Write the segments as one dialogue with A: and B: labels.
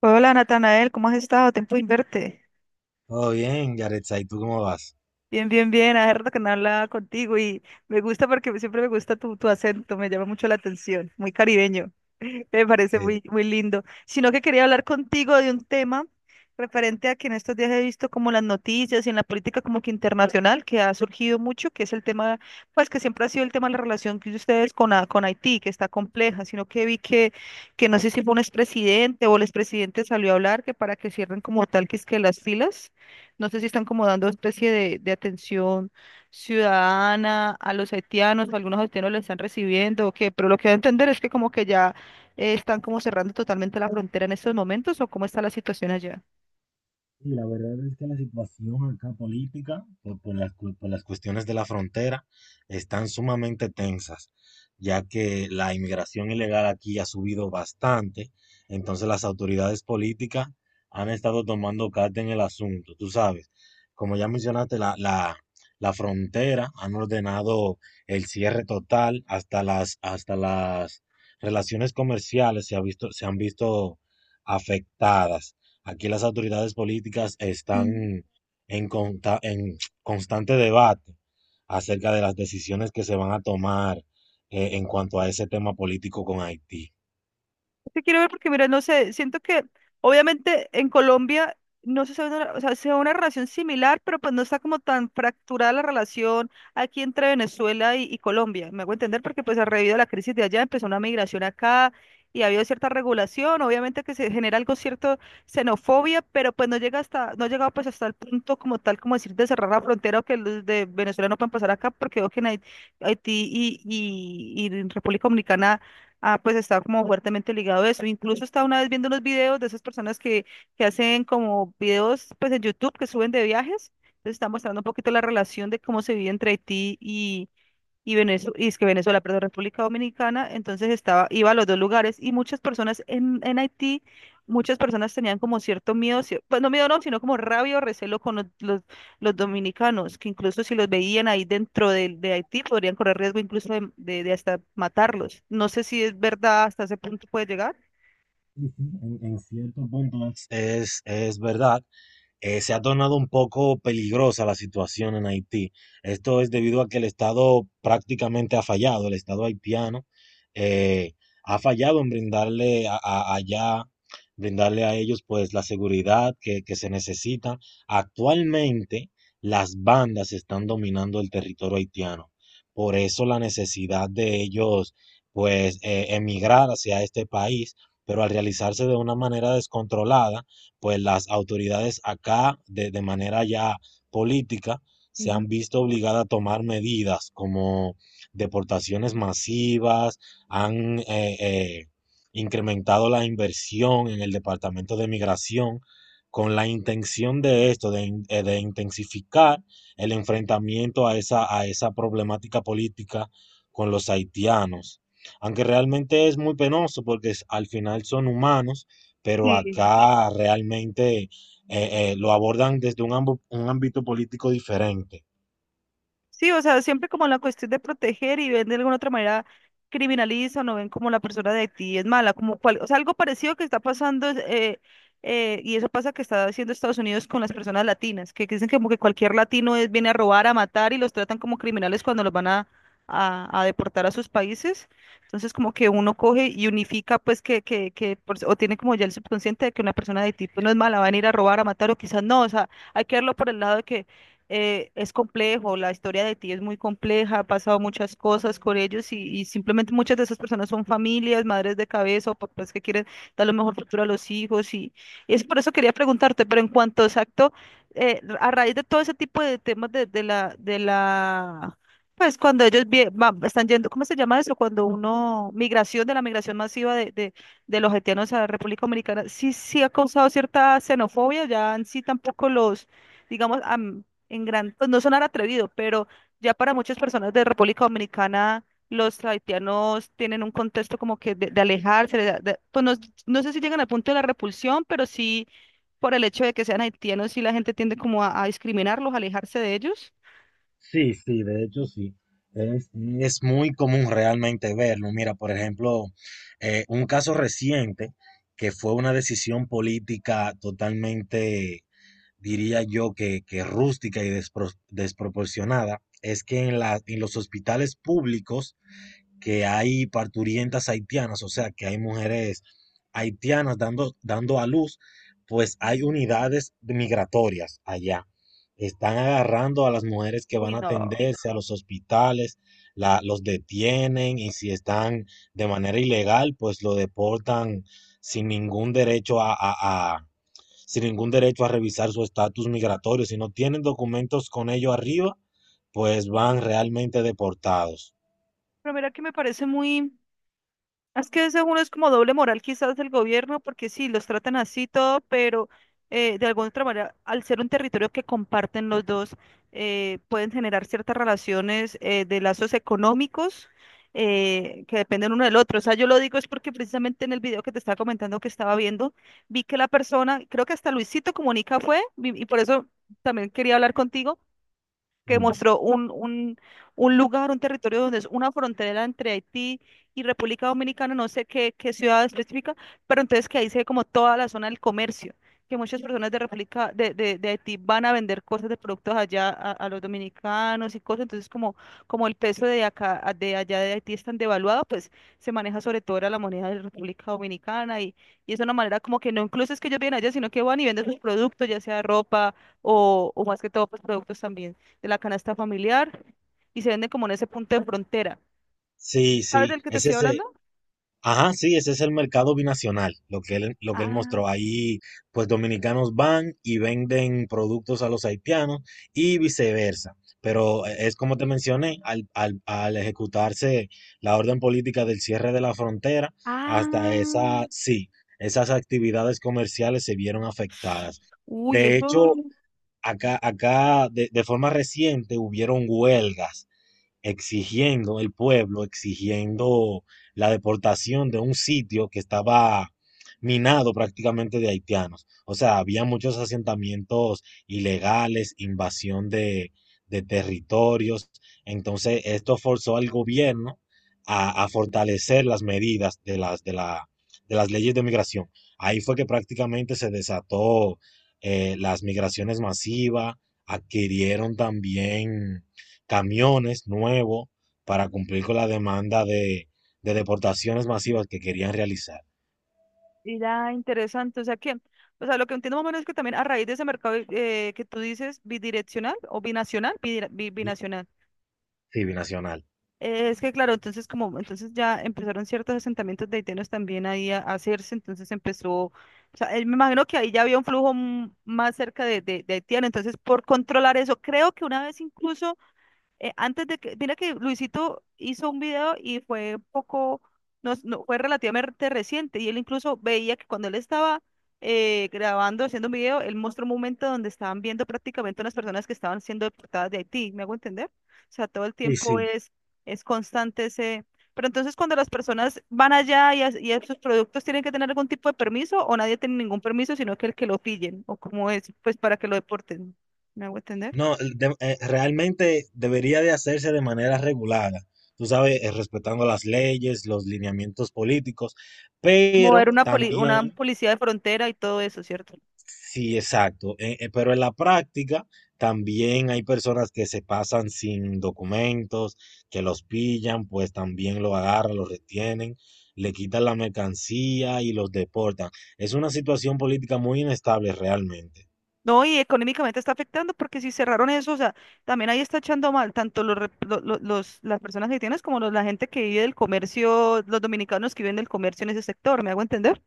A: Hola Natanael, ¿cómo has estado? Tiempo sin verte.
B: Todo bien, Yaretza, ¿y tú cómo vas?
A: Bien, bien, bien. Hace rato que no hablaba contigo y me gusta porque siempre me gusta tu acento, me llama mucho la atención, muy caribeño. Me parece
B: Eh,
A: muy, muy lindo. Sino que quería hablar contigo de un tema referente a que en estos días he visto como las noticias y en la política como que internacional que ha surgido mucho, que es el tema, pues que siempre ha sido el tema de la relación que ustedes con Haití, que está compleja, sino que que no sé si fue un expresidente o el expresidente salió a hablar que para que cierren como tal que es que las filas. No sé si están como dando especie de atención ciudadana a los haitianos, o algunos haitianos lo están recibiendo o qué, pero lo que voy a entender es que como que ya están como cerrando totalmente la frontera en estos momentos o cómo está la situación allá.
B: Y la verdad es que la situación acá política, por las cuestiones de la frontera, están sumamente tensas, ya que la inmigración ilegal aquí ha subido bastante, entonces las autoridades políticas han estado tomando carta en el asunto, tú sabes. Como ya mencionaste, la frontera han ordenado el cierre total hasta las relaciones comerciales se han visto afectadas. Aquí las autoridades políticas están en constante debate acerca de las decisiones que se van a tomar en cuanto a ese tema político con Haití.
A: Que quiero ver porque, mira, no sé, siento que obviamente en Colombia no se sabe, o sea, se ve una relación similar, pero pues no está como tan fracturada la relación aquí entre Venezuela y Colombia. Me hago entender porque pues a raíz de la crisis de allá empezó una migración acá y ha habido cierta regulación, obviamente que se genera algo cierto xenofobia, pero pues no llega hasta, no ha llegado pues hasta el punto como tal, como decir de cerrar la frontera o que los de Venezuela no puedan pasar acá porque veo que en Haití y en República Dominicana. Ah, pues está como fuertemente ligado a eso. Incluso estaba una vez viendo unos videos de esas que hacen como videos pues en YouTube que suben de viajes. Entonces está mostrando un poquito la relación de cómo se vive entre Haití y Venezuela, y es que Venezuela, perdón, República Dominicana, entonces estaba, iba a los dos lugares y muchas personas en Haití, muchas personas tenían como cierto miedo, pues no miedo no, sino como rabia o recelo con los dominicanos, que incluso si los veían ahí dentro de Haití podrían correr riesgo incluso de hasta matarlos. No sé si es verdad hasta ese punto puede llegar.
B: Sí, sí, en cierto punto es verdad, se ha tornado un poco peligrosa la situación en Haití. Esto es debido a que el Estado prácticamente ha fallado, el Estado haitiano eh, ha fallado en brindarle allá, brindarle a ellos pues la seguridad que se necesita. Actualmente las bandas están dominando el territorio haitiano. Por eso la necesidad de ellos pues emigrar hacia este país, pero al realizarse de una manera descontrolada, pues las autoridades acá, de manera ya política, se
A: Ujú.
B: han visto obligadas a tomar medidas como deportaciones masivas, han incrementado la inversión en el Departamento de Migración con la intención de esto, de intensificar el enfrentamiento a esa problemática política con los haitianos. Aunque realmente es muy penoso porque es- al final son humanos, pero
A: Sí.
B: acá realmente lo abordan desde un, un ámbito político diferente.
A: Sí, o sea, siempre como la cuestión de proteger y ven de alguna otra manera criminalizan o no ven como la persona de ti es mala, como cual, o sea, algo parecido que está pasando, y eso pasa que está haciendo Estados Unidos con las personas latinas, que dicen que como que cualquier latino es, viene a robar, a matar y los tratan como criminales cuando los van a deportar a sus países. Entonces como que uno coge y unifica pues que o tiene como ya el subconsciente de que una persona de ti pues, no es mala, van a ir a robar, a matar o quizás no, o sea, hay que verlo por el lado de que es complejo, la historia de ti es muy compleja, ha pasado muchas cosas con ellos y simplemente muchas de esas personas son familias, madres de cabeza o papás que quieren dar lo mejor futuro a los hijos y es por eso quería preguntarte, pero en cuanto exacto, a raíz de todo ese tipo de temas de la, pues cuando ellos están yendo, ¿cómo se llama eso? Cuando uno, migración, de la migración masiva de los haitianos a la República Dominicana, sí, sí ha causado cierta xenofobia, ya en sí tampoco los digamos, en gran, pues no sonar atrevido, pero ya para muchas personas de República Dominicana, los haitianos tienen un contexto como que de alejarse, pues no, no sé si llegan al punto de la repulsión, pero sí por el hecho de que sean haitianos, sí la gente tiende como a discriminarlos, a alejarse de ellos.
B: Sí, sí, de hecho sí. Es, es muy común realmente verlo. Mira, por ejemplo, un caso reciente que fue una decisión política totalmente, diría yo, que rústica y desproporcionada, es que en en los hospitales públicos, que hay parturientas haitianas, o sea, que hay mujeres haitianas dando, dando a luz, pues hay unidades migratorias allá. Están agarrando a las mujeres que van
A: Uy,
B: a
A: no.
B: atenderse a los hospitales, los detienen y si están de manera ilegal, pues lo deportan sin ningún derecho a- sin ningún derecho a revisar su estatus migratorio. Si no tienen documentos con ello arriba, pues van realmente deportados.
A: Pero mira que me parece muy, es que según es como doble moral quizás del gobierno, porque sí, los tratan así todo, pero de alguna otra manera, al ser un territorio que comparten los dos, pueden generar ciertas relaciones de lazos económicos que dependen uno del otro. O sea, yo lo digo es porque precisamente en el video que te estaba comentando que estaba viendo, vi que la persona, creo que hasta Luisito Comunica fue, y por eso también quería hablar contigo que mostró un lugar, un territorio donde es una frontera entre Haití y República Dominicana, no sé qué, qué ciudad específica, pero entonces que ahí se ve como toda la zona del comercio, que muchas personas de República, de Haití van a vender cosas de productos allá a los dominicanos y cosas, entonces como, como el peso de acá, de allá de Haití es tan devaluado, pues se maneja sobre todo ahora la moneda de República Dominicana y es una manera como que no incluso es que ellos vienen allá, sino que van y venden sus productos, ya sea ropa o más que todo, pues productos también de la canasta familiar y se venden como en ese punto de frontera.
B: Sí,
A: ¿Sabes
B: sí,
A: del que te
B: ese
A: estoy
B: es ese,
A: hablando?
B: ajá, sí, ese es el mercado binacional, lo que él
A: Ah,
B: mostró. Ahí, pues dominicanos van y venden productos a los haitianos y viceversa. Pero es como te mencioné, al ejecutarse la orden política del cierre de la frontera, hasta
A: ah,
B: esa, sí, esas actividades comerciales se vieron afectadas.
A: uy,
B: De hecho,
A: eso
B: acá de forma reciente hubieron huelgas exigiendo el pueblo, exigiendo la deportación de un sitio que estaba minado prácticamente de haitianos. O sea, había muchos asentamientos ilegales, invasión de territorios. Entonces, esto forzó al gobierno a fortalecer las medidas de de las leyes de migración. Ahí fue que prácticamente se desató las migraciones masivas, adquirieron también camiones nuevos para cumplir con la demanda de deportaciones masivas que querían realizar.
A: era interesante. O sea que, o sea, lo que entiendo más o menos es que también a raíz de ese mercado que tú dices bidireccional o binacional, binacional.
B: Sí, binacional.
A: Eh, es que claro, entonces como entonces ya empezaron ciertos asentamientos de haitianos también ahí a hacerse, entonces empezó o sea, me imagino que ahí ya había un flujo mm, más cerca de haitiano, entonces por controlar eso, creo que una vez incluso antes de que, mira que Luisito hizo un video y fue poco, no, fue relativamente reciente y él incluso veía que cuando él estaba grabando, haciendo un video, él mostró un momento donde estaban viendo prácticamente unas personas que estaban siendo deportadas de Haití, ¿me hago entender? O sea, todo el
B: Sí,
A: tiempo
B: sí.
A: es constante ese... Pero entonces cuando las personas van allá y, y a sus productos tienen que tener algún tipo de permiso o nadie tiene ningún permiso, sino que el que lo pillen o como es, pues para que lo deporten, ¿me hago entender?
B: No, realmente debería de hacerse de manera regulada, tú sabes, respetando las leyes, los lineamientos políticos, pero
A: Mover una, una
B: también.
A: policía de frontera y todo eso, ¿cierto?
B: Sí, exacto. Pero en la práctica también hay personas que se pasan sin documentos, que los pillan, pues también lo agarran, lo retienen, le quitan la mercancía y los deportan. Es una situación política muy inestable realmente.
A: No, y económicamente está afectando porque si cerraron eso, o sea, también ahí está echando mal tanto los, los, las personas haitianas como la gente que vive del comercio, los dominicanos que viven del comercio en ese sector, ¿me hago entender?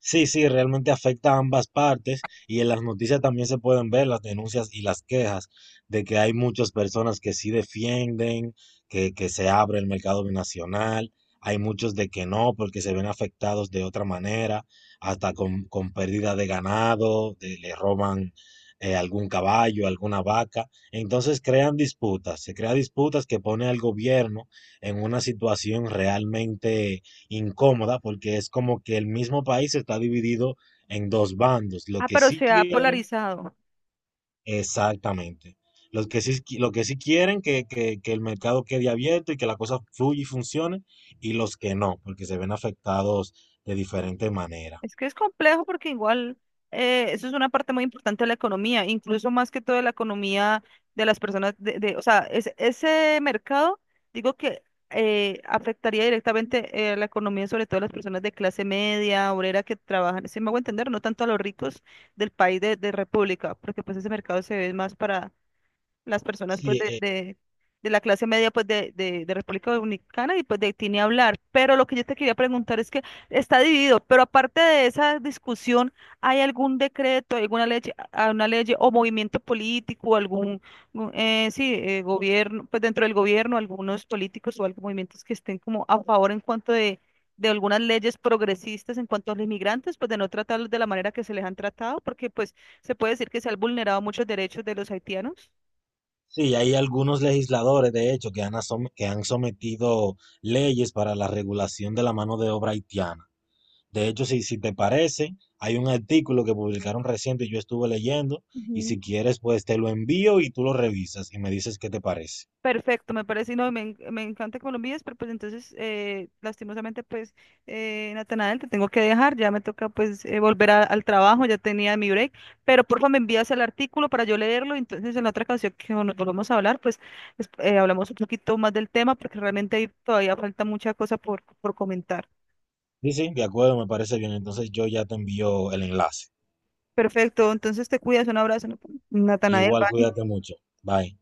B: Sí, sí, realmente afecta a ambas partes y en las noticias también se pueden ver las denuncias y las quejas de que hay muchas personas que sí defienden que se abre el mercado binacional, hay muchos de que no porque se ven afectados de otra manera, hasta con pérdida de ganado, le roban algún caballo, alguna vaca, entonces se crean disputas que pone al gobierno en una situación realmente incómoda porque es como que el mismo país está dividido en dos bandos, lo
A: Ah,
B: que
A: pero
B: sí
A: se ha
B: quieren,
A: polarizado.
B: exactamente, los que sí, lo que sí quieren que, que el mercado quede abierto y que la cosa fluya y funcione, y los que no, porque se ven afectados de diferente manera.
A: Es que es complejo porque igual eso es una parte muy importante de la economía, incluso más que todo de la economía de las personas, o sea, ese mercado, digo que afectaría directamente la economía, sobre todo a las personas de clase media, obrera que trabajan, si me hago entender, no tanto a los ricos del país de República, porque pues ese mercado se ve más para las personas
B: Sí, eh,
A: de la clase media de República Dominicana y pues de Haití ni hablar. Pero lo que yo te quería preguntar es que está dividido, pero aparte de esa discusión, ¿hay algún decreto, alguna ley, una ley o movimiento político, algún, gobierno, pues dentro del gobierno, algunos políticos o algunos movimientos que estén como a favor en cuanto de algunas leyes progresistas en cuanto a los inmigrantes, pues de no tratarlos de la manera que se les han tratado, porque pues se puede decir que se han vulnerado muchos derechos de los haitianos.
B: sí, hay algunos legisladores, de hecho, que han, que han sometido leyes para la regulación de la mano de obra haitiana. De hecho, si te parece, hay un artículo que publicaron reciente y yo estuve leyendo, y si
A: Ujú.
B: quieres, pues te lo envío y tú lo revisas y me dices qué te parece.
A: Perfecto, me parece, y no, me, me encanta que me lo envíes, pero pues entonces, lastimosamente, pues, Natanael, te tengo que dejar, ya me toca pues volver al trabajo, ya tenía mi break, pero porfa me envías el artículo para yo leerlo, y entonces en la otra ocasión que nos volvamos a hablar, pues hablamos un poquito más del tema, porque realmente ahí todavía falta mucha cosa por comentar.
B: Sí, sí, de acuerdo, me parece bien. Entonces yo ya te envío el enlace.
A: Perfecto, entonces te cuidas, un abrazo, Natanael,
B: Igual
A: bye.
B: cuídate mucho. Bye.